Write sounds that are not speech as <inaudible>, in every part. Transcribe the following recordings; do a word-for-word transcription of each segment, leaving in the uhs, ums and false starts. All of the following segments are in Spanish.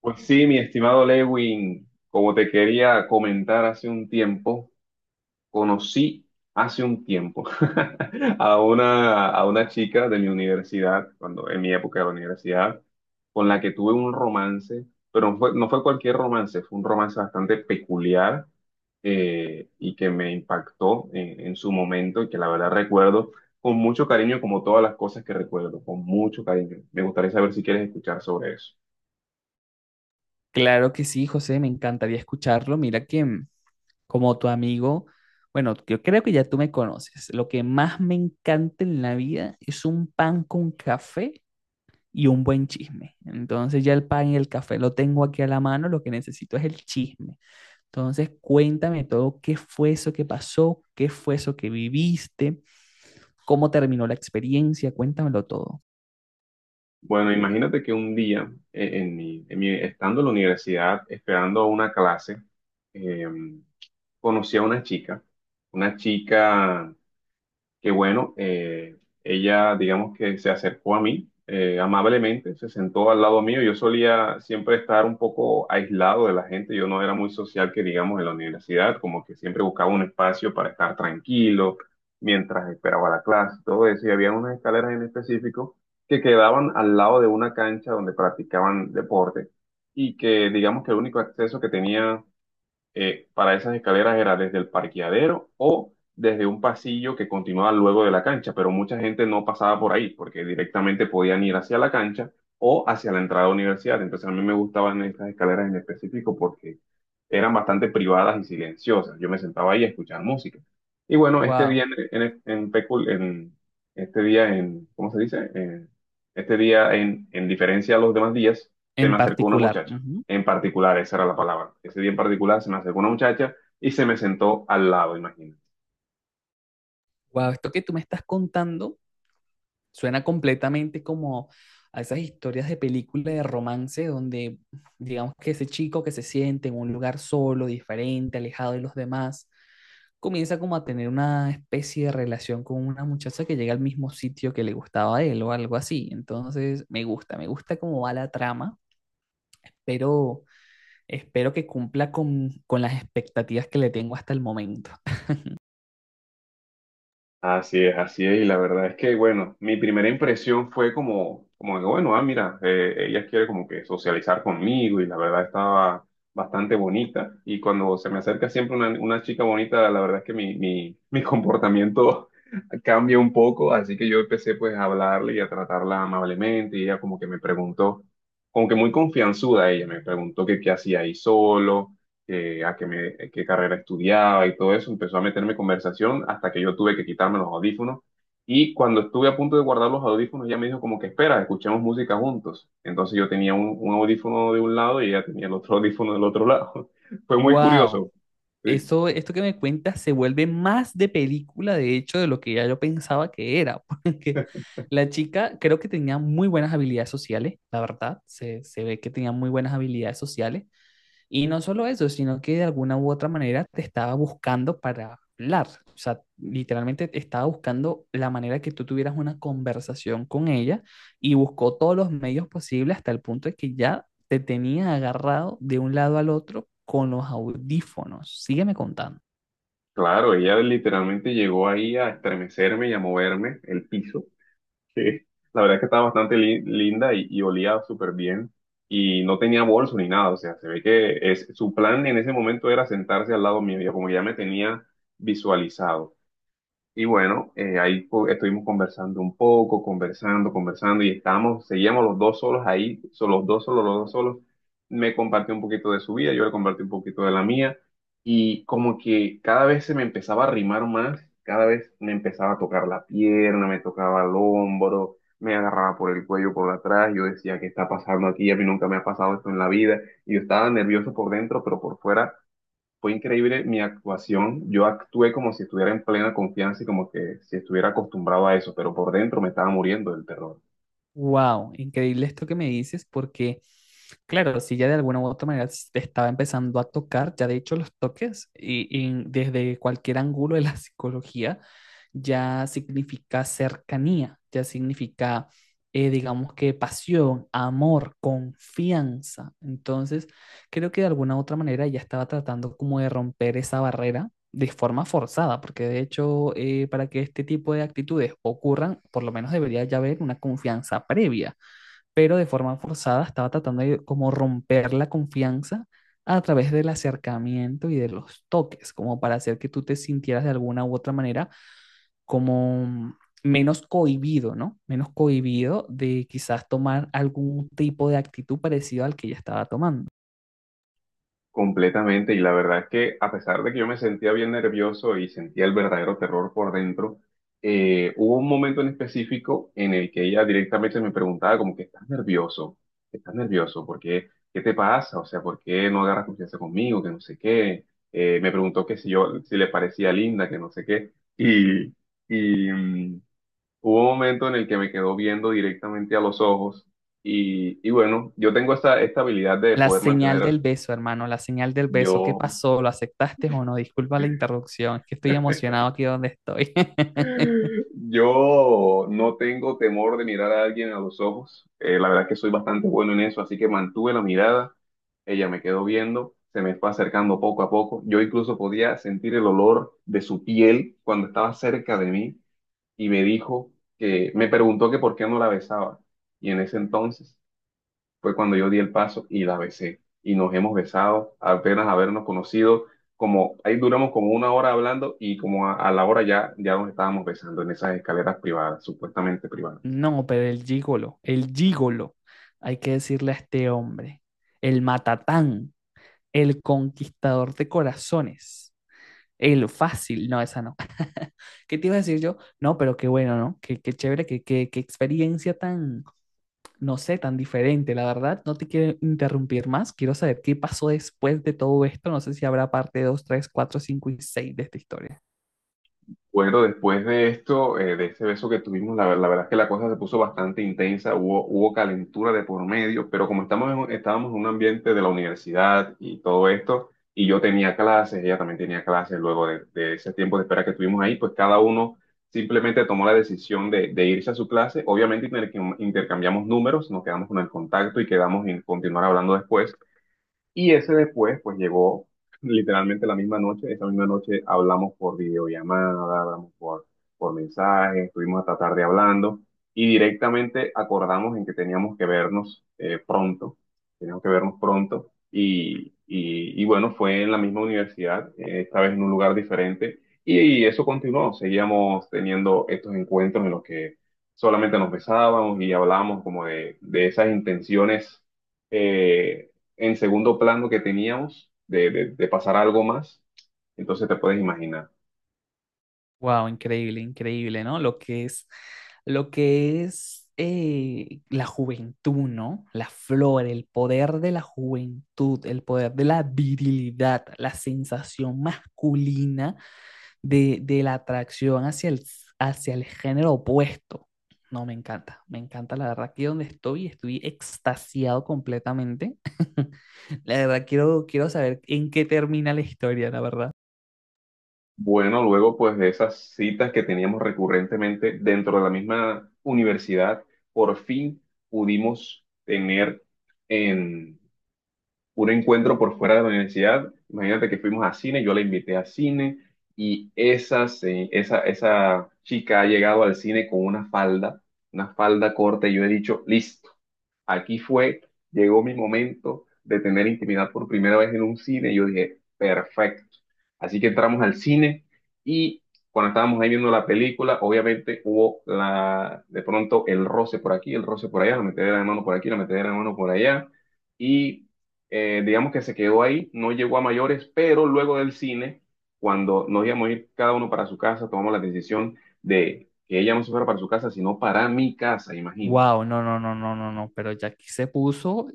Pues sí, mi estimado Lewin, como te quería comentar hace un tiempo, conocí hace un tiempo <laughs> a una, a una chica de mi universidad, cuando en mi época de la universidad, con la que tuve un romance, pero no fue, no fue cualquier romance, fue un romance bastante peculiar eh, y que me impactó en, en su momento y que la verdad recuerdo con mucho cariño, como todas las cosas que recuerdo, con mucho cariño. Me gustaría saber si quieres escuchar sobre eso. Claro que sí, José, me encantaría escucharlo. Mira que mm, como tu amigo, bueno, yo creo que ya tú me conoces. Lo que más me encanta en la vida es un pan con café y un buen chisme. Entonces ya el pan y el café lo tengo aquí a la mano, lo que necesito es el chisme. Entonces cuéntame todo, qué fue eso que pasó, qué fue eso que viviste, cómo terminó la experiencia, cuéntamelo todo. Bueno, imagínate que un día, eh, en mi, en mi- estando en la universidad, esperando una clase, eh, conocí a una chica, una chica que bueno, eh, ella digamos que se acercó a mí eh, amablemente, se sentó al lado mío. Yo solía siempre estar un poco aislado de la gente, yo no era muy social que digamos en la universidad, como que siempre buscaba un espacio para estar tranquilo mientras esperaba la clase, todo eso, y había unas escaleras en específico que quedaban al lado de una cancha donde practicaban deporte y que digamos que el único acceso que tenía eh, para esas escaleras era desde el parqueadero o desde un pasillo que continuaba luego de la cancha, pero mucha gente no pasaba por ahí porque directamente podían ir hacia la cancha o hacia la entrada a la universidad. Entonces a mí me gustaban estas escaleras en específico porque eran bastante privadas y silenciosas. Yo me sentaba ahí a escuchar música. Y bueno, este día Wow, en, en, en pecul- en- este día en, ¿cómo se dice? En- este día en, en diferencia a los demás días, se en me acercó una particular. muchacha en particular, esa era la palabra. Ese día en particular se me acercó una muchacha y se me sentó al lado, imagínate. Wow, esto que tú me estás contando suena completamente como a esas historias de película de romance donde digamos que ese chico que se siente en un lugar solo, diferente, alejado de los demás, comienza como a tener una especie de relación con una muchacha que llega al mismo sitio que le gustaba a él o algo así. Entonces, me gusta, me gusta cómo va la trama, pero espero que cumpla con, con las expectativas que le tengo hasta el momento. <laughs> Así es, así es, y la verdad es que, bueno, mi primera impresión fue como, como que, bueno, ah, mira, eh, ella quiere como que socializar conmigo y la verdad estaba bastante bonita. Y cuando se me acerca siempre una, una chica bonita, la verdad es que mi, mi, mi comportamiento <laughs> cambia un poco, así que yo empecé pues a hablarle y a tratarla amablemente y ella como que me preguntó, como que muy confianzuda ella, me preguntó que qué hacía ahí solo que, a qué, me, eh, qué carrera estudiaba y todo eso, empezó a meterme conversación hasta que yo tuve que quitarme los audífonos. Y cuando estuve a punto de guardar los audífonos, ella me dijo como que espera, escuchemos música juntos. Entonces yo tenía un, un audífono de un lado y ella tenía el otro <laughs> audífono del otro lado. <laughs> Fue muy Wow. curioso. Sí. Eso, esto que me cuentas se vuelve más de película, de hecho, de lo que ya yo pensaba que era, <laughs> porque <laughs> la chica creo que tenía muy buenas habilidades sociales, la verdad, se, se ve que tenía muy buenas habilidades sociales, y no solo eso, sino que de alguna u otra manera te estaba buscando para hablar. O sea, literalmente estaba buscando la manera que tú tuvieras una conversación con ella y buscó todos los medios posibles hasta el punto de que ya te tenía agarrado de un lado al otro con los audífonos. Sígueme contando. Claro, ella literalmente llegó ahí a estremecerme y a moverme el piso. Sí, la verdad es que estaba bastante li- linda y, y olía súper bien y no tenía bolso ni nada, o sea, se ve que es, su plan en ese momento era sentarse al lado mío, ya como ya me tenía visualizado. Y bueno, eh, ahí fu- estuvimos conversando un poco, conversando, conversando y estábamos, seguíamos los dos solos ahí, solo los dos solos, los dos solos. Me compartió un poquito de su vida, yo le compartí un poquito de la mía y como que cada vez se me empezaba a arrimar más, cada vez me empezaba a tocar la pierna, me tocaba el hombro, me agarraba por el cuello por atrás, yo decía, ¿qué está pasando aquí? A mí nunca me ha pasado esto en la vida y yo estaba nervioso por dentro, pero por fuera fue increíble mi actuación. Yo actué como si estuviera en plena confianza y como que si estuviera acostumbrado a eso, pero por dentro me estaba muriendo del terror Wow, increíble esto que me dices, porque claro, si ya de alguna u otra manera s- te estaba empezando a tocar, ya de hecho los toques y, y desde cualquier ángulo de la <laughs> psicología ya significa cercanía, ya significa, eh, digamos que pasión, amor, confianza. Entonces, creo que de alguna u otra manera ella estaba tratando como de romper esa barrera de forma forzada, porque de hecho eh, para que este tipo de actitudes ocurran, por lo menos debería ya haber una confianza previa, pero de forma forzada estaba tratando de como romper la confianza a través del acercamiento y de los toques, como para hacer que tú te sintieras de alguna u otra manera como menos cohibido, ¿no? Menos cohibido de quizás tomar algún tipo de actitud parecido al que ella estaba tomando. completamente. Y la verdad es que a pesar de que yo me sentía bien nervioso y sentía el verdadero terror por dentro, eh, hubo un momento en específico en el que ella directamente me preguntaba como que estás nervioso, estás nervioso, ¿por qué? ¿Qué te pasa? O sea, ¿por qué no agarras confianza conmigo? Que no sé qué. Eh, me preguntó que si yo, si le parecía linda, que no sé qué. Y, y, mm, Hubo un momento en el que me quedó viendo directamente a los ojos y, y bueno, yo tengo esta, esta habilidad de La poder señal mantener, del beso, hermano, la señal del beso. ¿Qué yo, pasó? ¿Lo aceptaste o no? Disculpa la interrupción, es que estoy emocionado aquí donde estoy. <laughs> yo no tengo temor de mirar a alguien a los ojos. Eh, la verdad es que soy bastante bueno en eso, así que mantuve la mirada, ella me quedó viendo, se me fue acercando poco a poco, yo incluso podía sentir el olor de su piel cuando estaba cerca de mí y me dijo que, me preguntó que por qué no la besaba y en ese entonces fue cuando yo di el paso y la besé. Y nos hemos besado, apenas habernos conocido, como ahí duramos como una hora hablando y como a, a la hora ya, ya nos estábamos besando en esas escaleras privadas, supuestamente privadas. No, pero el gigolo, el gigolo, hay que decirle a este hombre, el matatán, el conquistador de corazones, el fácil, no, esa no. <laughs> ¿Qué te iba a decir yo? No, pero qué bueno, ¿no? Qué, qué chévere, qué, qué, qué experiencia tan, no sé, tan diferente. La verdad, no te quiero interrumpir más. Quiero saber qué pasó después de todo esto. No sé si habrá parte dos tres cuatro cinco y seis de esta historia. Bueno, después de esto, eh, de ese beso que tuvimos, la, ver- la verdad es que la cosa se puso bastante intensa, hubo, hubo calentura de por medio, pero como estamos en un- estábamos en un ambiente de la universidad y todo esto, y yo tenía clases, ella también tenía clases, luego de, de ese tiempo de espera que tuvimos ahí, pues cada uno simplemente tomó la decisión de, de irse a su clase. Obviamente intercam- intercambiamos números, nos quedamos con el contacto y quedamos en continuar hablando después. Y ese después, pues llegó literalmente la misma noche. Esa misma noche hablamos por videollamada, hablamos por, por mensaje, estuvimos hasta tarde hablando y directamente acordamos en que teníamos que vernos eh, pronto. Teníamos que vernos pronto. Y, y, y bueno, fue en la misma universidad, eh, esta vez en un lugar diferente. Y eso continuó. Seguíamos teniendo estos encuentros en los que solamente nos besábamos y hablábamos como de, de esas intenciones eh, en segundo plano que teníamos de, de- de pasar a algo más, entonces te puedes imaginar. Wow, increíble, increíble, ¿no? Lo que es, lo que es eh, la juventud, ¿no? La flor, el poder de la juventud, el poder de la virilidad, la sensación masculina de, de la atracción hacia el, hacia el género opuesto. No, me encanta, me encanta, la verdad, aquí donde estoy, estoy extasiado completamente. <laughs> La verdad, quiero, quiero saber en qué termina la historia, la verdad. Bueno, luego pues de esas citas que teníamos recurrentemente dentro de la misma universidad, por fin pudimos tener en un encuentro por fuera de la universidad. Imagínate que fuimos a cine, yo la invité a cine y esa, se- esa, esa chica ha llegado al cine con una falda, una falda corta y yo he dicho, listo. Aquí fue, llegó mi momento de tener intimidad por primera vez en un cine y yo dije, perfecto. Así que entramos al cine y cuando estábamos ahí viendo la película, obviamente hubo la, de pronto el roce por aquí, el roce por allá, la metedera de mano por aquí, la metedera de mano por allá y eh, digamos que se quedó ahí, no llegó a mayores, pero luego del cine, cuando nos íbamos a ir cada uno para su casa, tomamos la decisión de que ella no se fuera para su casa, sino para mi casa, imagínate. Wow, no, no, no, no, no, no, pero ya aquí se puso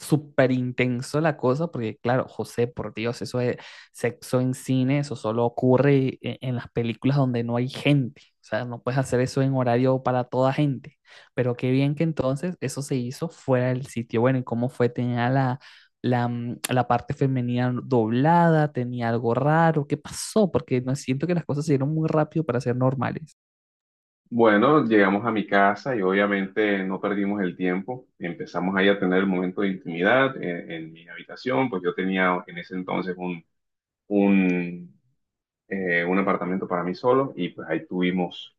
súper intenso la cosa, porque claro, José, por Dios, eso de sexo en cine, eso solo ocurre e- en las películas donde no hay gente, o sea, no puedes hacer eso en horario para toda gente, pero qué bien que entonces eso se hizo fuera del sitio, bueno, ¿y cómo fue? Tenía la, la, mm, la parte femenina doblada, tenía algo raro, ¿qué pasó? Porque no siento que las cosas se dieron muy rápido para ser normales. Bueno, llegamos a mi casa y obviamente no perdimos el tiempo. Empezamos ahí a tener el momento de intimidad en, en mi habitación, pues yo tenía en ese entonces un, un, eh, un apartamento para mí solo y pues ahí tuvimos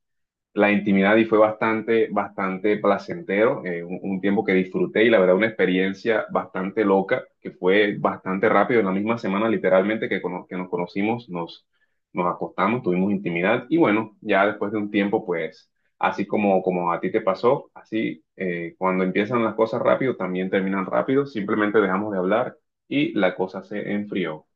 la intimidad y fue bastante, bastante placentero, eh, un, un tiempo que disfruté y la verdad una experiencia bastante loca, que fue bastante rápido, en la misma semana literalmente que, cono- que nos conocimos, nos, nos acostamos, tuvimos intimidad y bueno, ya después de un tiempo pues, así como, como a ti te pasó, así eh, cuando empiezan las cosas rápido también terminan rápido, simplemente dejamos de hablar y la cosa se enfrió.